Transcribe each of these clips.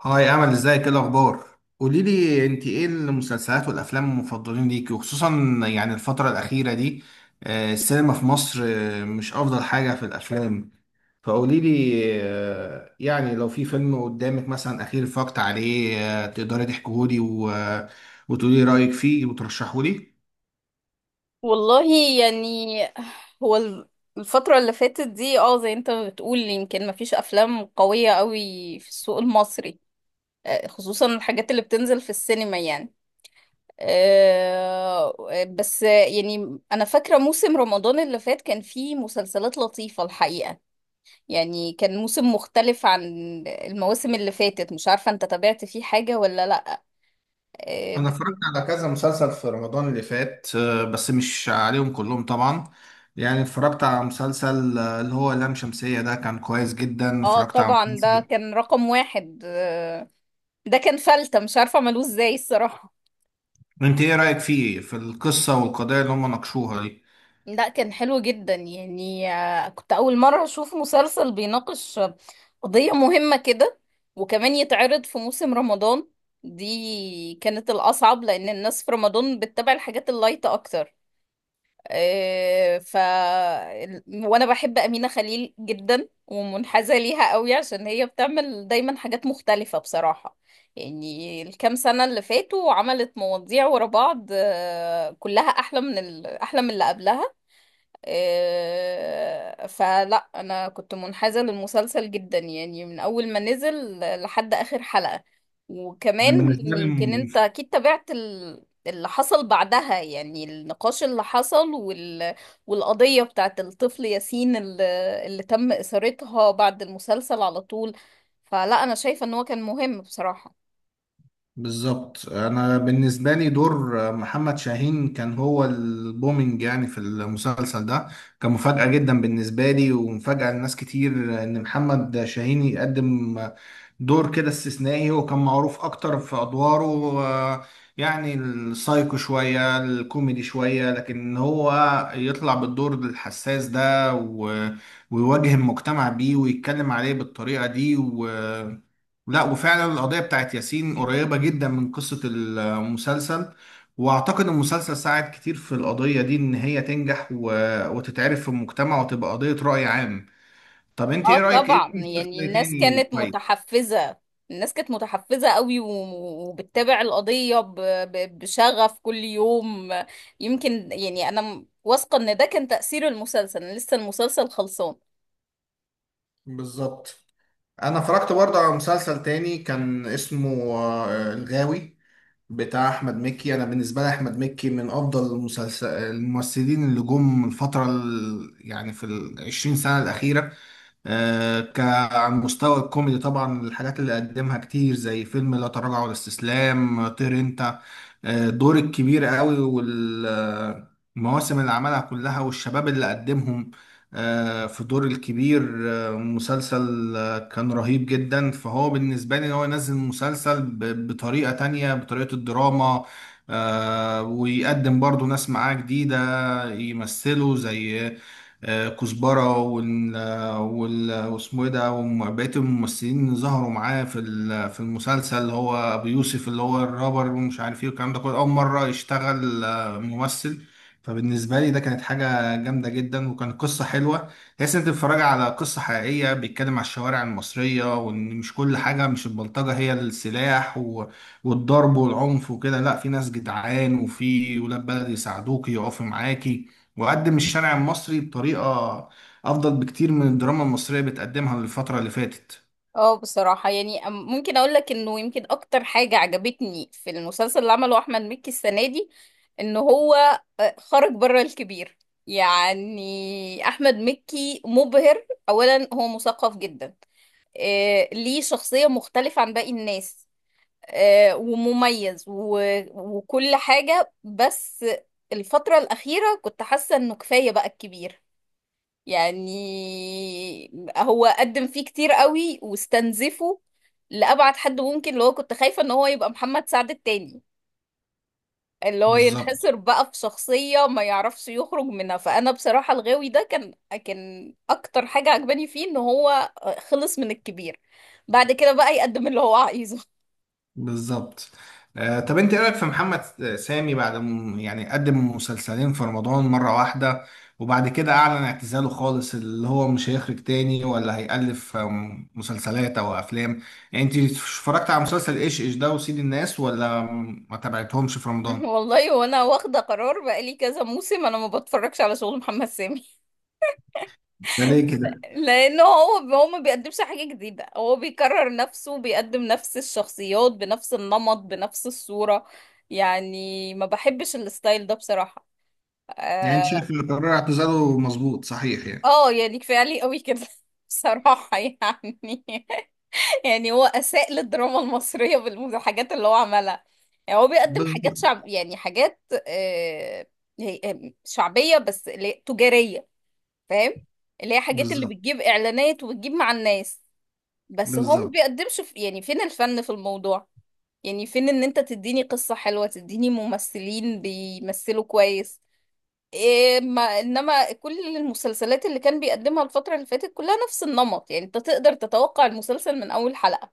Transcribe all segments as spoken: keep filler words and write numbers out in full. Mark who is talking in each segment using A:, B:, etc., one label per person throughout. A: هاي امل، ازيك؟ ايه الاخبار؟ قولي لي انت، ايه المسلسلات والافلام المفضلين ليكي، وخصوصا يعني الفتره الاخيره دي؟ آه، السينما في مصر آه، مش افضل حاجه في الافلام. فقولي لي، آه، يعني لو في فيلم قدامك مثلا اخير اتفرجت عليه، آه، تقدري تحكيه لي وتقولي رايك فيه وترشحه لي؟
B: والله يعني هو ال- الفترة اللي فاتت دي، اه زي انت بتقول، يمكن مفيش أفلام قوية قوي في السوق المصري. آه، خصوصا الحاجات اللي بتنزل في السينما يعني. آه، بس يعني أنا فاكرة موسم رمضان اللي فات كان فيه مسلسلات لطيفة الحقيقة. يعني كان موسم مختلف عن المواسم اللي فاتت. مش عارفة انت تابعت فيه حاجة ولا لأ. آه،
A: انا
B: بس
A: اتفرجت على كذا مسلسل في رمضان اللي فات، آه، بس مش عليهم كلهم طبعا. يعني اتفرجت على مسلسل آه، اللي هو لام شمسية، ده كان كويس جدا.
B: اه
A: اتفرجت على
B: طبعا ده
A: مسلسل.
B: كان رقم واحد. آه، ده كان فلتة، مش عارفة عملوه ازاي الصراحة.
A: انت ايه رأيك فيه، في القصة والقضايا اللي هم ناقشوها دي؟
B: لا كان حلو جدا يعني. آه، كنت أول مرة أشوف مسلسل بيناقش آه، قضية مهمة كده، وكمان يتعرض في موسم رمضان. دي كانت الأصعب، لأن الناس في رمضان بتتابع الحاجات اللايتة أكتر. آه، ف ال- وانا بحب أمينة خليل جدا ومنحازة ليها قوي، عشان هي بتعمل دايما حاجات مختلفة بصراحة. يعني الكام سنة اللي فاتوا عملت مواضيع ورا بعض، آه، كلها أحلى من ال... أحلى من اللي قبلها. آه، فلا انا كنت منحازة للمسلسل جدا، يعني من اول ما نزل لحد اخر حلقة. وكمان
A: انا بالنسبة لي
B: يمكن
A: م-
B: انت اكيد تابعت ال- اللي حصل بعدها، يعني النقاش اللي حصل وال... والقضية بتاعت الطفل ياسين اللي... اللي تم إثارتها بعد المسلسل على طول. فلا انا شايفة ان هو كان مهم بصراحة.
A: بالظبط، انا بالنسبة لي دور آه، محمد شاهين كان هو البومينج يعني في المسلسل ده. كان مفاجأة جدا بالنسبة لي ومفاجأة لناس كتير ان محمد شاهين يقدم دور كده استثنائي، وكان معروف اكتر في ادواره. آه، يعني السايكو شوية، الكوميدي شوية، لكن هو يطلع بالدور الحساس ده و- ويواجه المجتمع بيه ويتكلم عليه بالطريقة دي. و... لا، وفعلا القضية بتاعت ياسين قريبة جدا من قصة المسلسل، واعتقد المسلسل ساعد كتير في القضية دي ان هي تنجح و... وتتعرف في المجتمع وتبقى قضية رأي عام. طب انت
B: اه
A: ايه رأيك ايه
B: طبعا،
A: في
B: يعني
A: مسلسل
B: الناس
A: تاني
B: كانت
A: كويس؟
B: متحفزة الناس كانت متحفزة قوي و- وبتتابع القضية ب- ب- بشغف كل يوم. يمكن يعني انا م- واثقة ان ده كان تأثير المسلسل. أنا لسه المسلسل خلصان.
A: بالظبط. انا اتفرجت برضه على مسلسل تاني كان اسمه آه، الغاوي بتاع احمد مكي. انا بالنسبه لي احمد مكي من افضل المسلسل الممثلين اللي جم من الفتره، ال- يعني في العشرين سنه الاخيره. آه، كعن مستوى الكوميدي طبعا، الحاجات اللي قدمها كتير زي فيلم لا تراجع ولا استسلام، طير انت، آه، دور الكبير قوي، والمواسم اللي عملها كلها والشباب اللي قدمهم آه، في دور الكبير. آه، مسلسل آه، كان رهيب جدا. فهو بالنسبة لي ان هو ينزل مسلسل ب- بطريقة تانية، بطريقة الدراما. آه، ويقدم برضو ناس معاه جديدة يمثلوا زي آه، كزبرة، وال وال واسمه ايه ده، وبقية الممثلين اللي ظهروا معاه في ال- في المسلسل، اللي هو أبو يوسف اللي هو الرابر، ومش عارف ايه والكلام ده كله، أول مرة يشتغل آه، ممثل. فبالنسبة لي ده كانت حاجة جامدة جدا، وكانت قصة حلوة. تحس إن أنت بتتفرج على قصة حقيقية، بيتكلم على الشوارع المصرية، وإن مش كل حاجة، مش البلطجة هي السلاح و... والضرب والعنف وكده. لا، في ناس جدعان وفي ولاد بلد يساعدوك يقفوا معاكي. وقدم الشارع المصري بطريقة أفضل بكتير من الدراما المصرية بتقدمها الفترة اللي فاتت.
B: اه بصراحة يعني أم- ممكن اقول لك انه يمكن اكتر حاجة عجبتني في المسلسل اللي عمله احمد مكي السنة دي ان هو آه، خرج بره الكبير. يعني احمد مكي مبهر، اولا هو مثقف جدا، آه، ليه شخصية مختلفة عن باقي الناس، آه، ومميز و- وكل حاجة. بس الفترة الأخيرة كنت حاسة إنه كفاية بقى الكبير. يعني هو قدم فيه كتير قوي واستنزفه لأبعد حد ممكن. اللي هو كنت خايفة إن هو يبقى محمد سعد التاني، اللي هو
A: بالظبط.
B: ينحصر بقى في شخصية ما يعرفش يخرج منها. فأنا بصراحة الغاوي ده كان كان أكتر حاجة عجباني فيه إن هو خلص من الكبير، بعد كده بقى يقدم اللي هو عايزه.
A: بالظبط. آه طب أنت إيه رأيك في محمد سامي بعد؟ م- يعني قدم مسلسلين في رمضان مرة واحدة، وبعد كده أعلن اعتزاله خالص، اللي هو مش هيخرج تاني ولا هيألف آم، مسلسلات أو أفلام. يعني أنت اتفرجت على مسلسل إيش إيش ده وسيد الناس، ولا ما تابعتهمش في رمضان؟
B: والله وانا واخده قرار بقالي كذا موسم، انا ما بتفرجش على شغل محمد سامي.
A: ده ليه كده؟
B: لانه هو هو ما بيقدمش حاجه جديده، هو بيكرر نفسه، بيقدم نفس الشخصيات بنفس النمط بنفس الصوره. يعني ما بحبش الستايل ده بصراحه.
A: يعني أنت
B: آه،
A: شايف إن قرار اعتزاله مظبوط صحيح يعني؟
B: اه يعني كفايه عليه قوي كده. بصراحه يعني، يعني هو اساء للدراما المصريه بالحاجات اللي هو عملها. يعني هو بيقدم حاجات
A: بالظبط.
B: شعب، يعني حاجات، آه هي- آه، شعبيه بس اللي هي تجاريه، فاهم؟ اللي هي حاجات اللي
A: بالظبط.
B: بتجيب اعلانات وبتجيب مع الناس. بس هو ما
A: بالظبط.
B: بيقدمش في، يعني فين الفن في الموضوع؟ يعني فين ان انت تديني قصه حلوه، تديني ممثلين بيمثلوا كويس؟ إيه ما انما كل المسلسلات اللي كان بيقدمها الفترة اللي فاتت كلها نفس النمط. يعني انت تقدر تتوقع المسلسل من اول حلقة.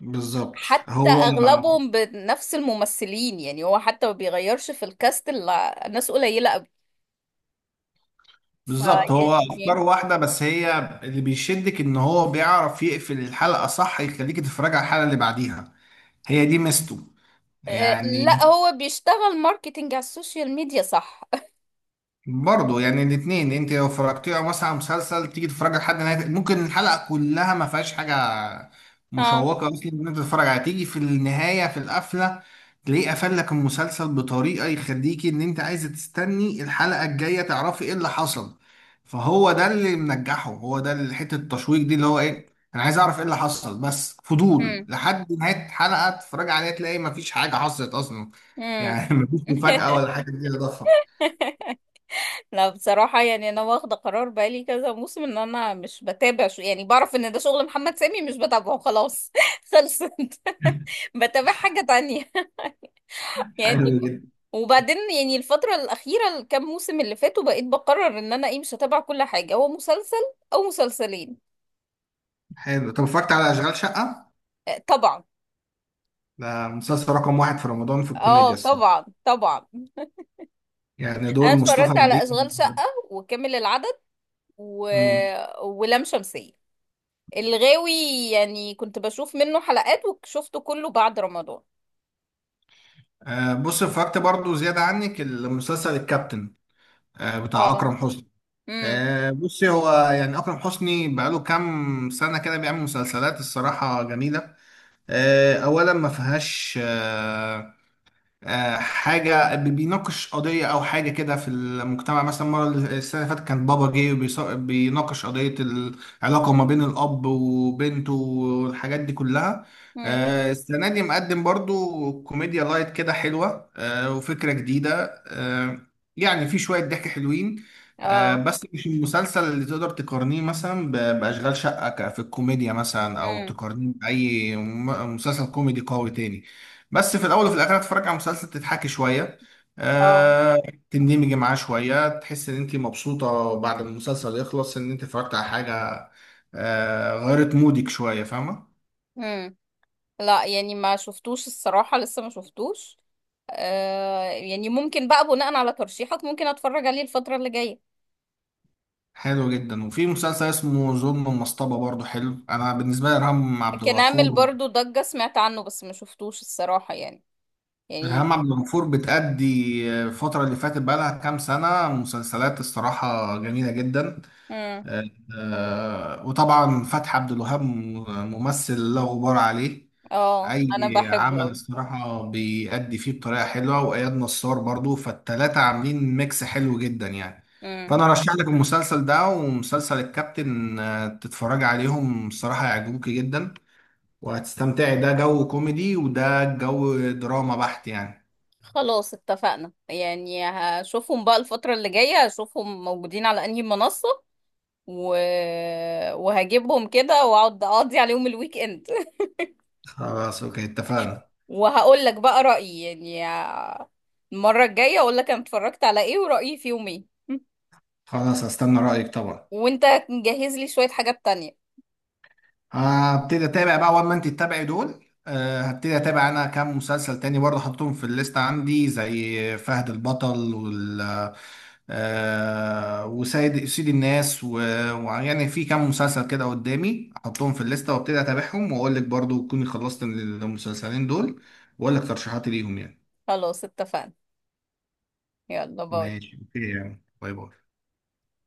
A: بالظبط.
B: حتى
A: هو
B: اغلبهم بنفس الممثلين، يعني هو حتى ما بيغيرش في الكاست الا ناس قليلة قوي.
A: بالظبط هو افكاره
B: فيعني
A: واحده، بس هي اللي بيشدك ان هو بيعرف يقفل الحلقه صح، يخليك تتفرج على الحلقه اللي بعديها. هي دي ميزته
B: إيه،
A: يعني.
B: لا هو بيشتغل ماركتينج على السوشيال ميديا صح.
A: برضه يعني الاثنين، انت لو فرجتيه او مثلا على مسلسل تيجي تتفرج لحد نهايه، ممكن الحلقه كلها ما فيهاش حاجه
B: اه.
A: مشوقه اصلا ان انت تتفرج عليها، تيجي في النهايه، في القفله تلاقيه قفل لك المسلسل بطريقه يخليكي ان انت عايزه تستني الحلقه الجايه تعرفي ايه اللي حصل. فهو ده اللي منجحه، هو ده اللي حته التشويق دي اللي هو ايه. انا عايز اعرف ايه اللي حصل، بس فضول
B: امم.
A: لحد نهايه حلقه، تتفرج عليها تلاقي ما فيش حاجه حصلت اصلا.
B: امم.
A: يعني ما فيش مفاجاه ولا حاجه جديده ضخمه.
B: لا بصراحة يعني أنا واخدة قرار بقالي كذا موسم إن أنا مش بتابع شو. يعني بعرف إن ده شغل محمد سامي مش بتابعه خلاص. خلصت، بتابع حاجة تانية. يعني
A: حلو جدا.
B: وبعدين يعني الفترة الأخيرة الكام موسم اللي فاتوا بقيت بقرر إن أنا إيه مش هتابع كل حاجة، هو مسلسل أو مسلسلين.
A: حلو. طب اتفرجت على اشغال شقه؟
B: آه، طبعا.
A: ده مسلسل رقم واحد في رمضان في
B: اه
A: الكوميديا الصراحه،
B: طبعا طبعا.
A: يعني
B: أنا
A: دور مصطفى
B: اتفرجت على
A: غريب.
B: أشغال شقة، وكامل العدد، و...
A: امم.
B: ولام شمسية، الغاوي. يعني كنت بشوف منه حلقات وشفته كله بعد رمضان.
A: آه بص، اتفرجت برضو زياده عنك المسلسل الكابتن، آه بتاع
B: اه.
A: اكرم حسني.
B: امم.
A: آه بصي، هو يعني اكرم حسني بقاله كام سنه كده بيعمل مسلسلات الصراحه جميله. آه اولا ما فيهاش آه آه، حاجة. بي- بيناقش قضية أو حاجة كده في المجتمع. مثلا، مرة السنة اللي فاتت كان بابا جه، وبيص- بيناقش قضية العلاقة ما بين الأب وبنته والحاجات دي كلها.
B: امم.
A: آه، السنة دي مقدم برضو كوميديا لايت كده حلوة، آه، وفكرة جديدة. آه، يعني في شوية ضحك حلوين. آه،
B: اه.
A: بس مش المسلسل اللي تقدر تقارنيه مثلا ب- بأشغال شقة ك- في الكوميديا مثلا، أو
B: امم.
A: تقارنيه بأي م- مسلسل كوميدي قوي تاني. بس في الاول وفي الاخر هتتفرج على مسلسل تضحكي شويه، آه تندمجي معاه شويه، تحس ان انت مبسوطه بعد ما المسلسل يخلص ان انت اتفرجت على حاجه آه غيرت مودك شويه. فاهمه؟
B: اه لا يعني ما شفتوش الصراحة، لسه ما شفتوش. آه يعني ممكن بقى بناء على ترشيحك ممكن اتفرج عليه الفترة اللي جاية.
A: حلو جدا. وفي مسلسل اسمه ظلم المصطبه برضو حلو. انا بالنسبه لي ارهام عبد
B: كان عامل
A: الغفور
B: برضو ضجة، سمعت عنه بس ما شفتوش الصراحة يعني. يعني.
A: ارهام عبد الغفور بتأدي آه، الفتره اللي فاتت بقى لها كام سنه مسلسلات الصراحه جميله جدا.
B: امم.
A: آه وطبعا فتحي عبد الوهاب ممثل لا غبار عليه.
B: اه انا
A: اي
B: بحبه
A: عمل
B: اوي.
A: الصراحه بيأدي فيه بطريقه حلوه، واياد نصار برضو، فالتلاته عاملين ميكس حلو جدا يعني.
B: امم.
A: فانا ارشح لك المسلسل ده ومسلسل الكابتن، آه، تتفرج عليهم الصراحه هيعجبوك جدا وهتستمتعي. ده جو كوميدي وده جو دراما بحت يعني.
B: خلاص اتفقنا، يعني هشوفهم بقى الفترة اللي جاية، هشوفهم موجودين على انهي منصة و... وهجيبهم كده واقعد اقضي عليهم الويك اند.
A: خلاص اوكي اتفقنا.
B: وهقول لك بقى رأيي، يعني المرة الجاية اقول لك انا اتفرجت على ايه ورأيي فيهم ايه.
A: خلاص هستنى رأيك طبعا.
B: وانت جهز لي شوية حاجات تانية.
A: هبتدي اتابع بقى اول ما انت تتابعي دول، آه، هبتدي اتابع انا كام مسلسل تاني برضه حطيتهم في الليست عندي زي فهد البطل وال آه، وسيد سيد الناس، و- ويعني في كام مسلسل كده قدامي احطهم في الليسته وابتدي اتابعهم، واقول لك برضه تكوني خلصت المسلسلين دول واقول لك ترشيحاتي ليهم يعني.
B: خلاص اتفقنا، يلا باي.
A: ماشي اوكي يعني، باي باي.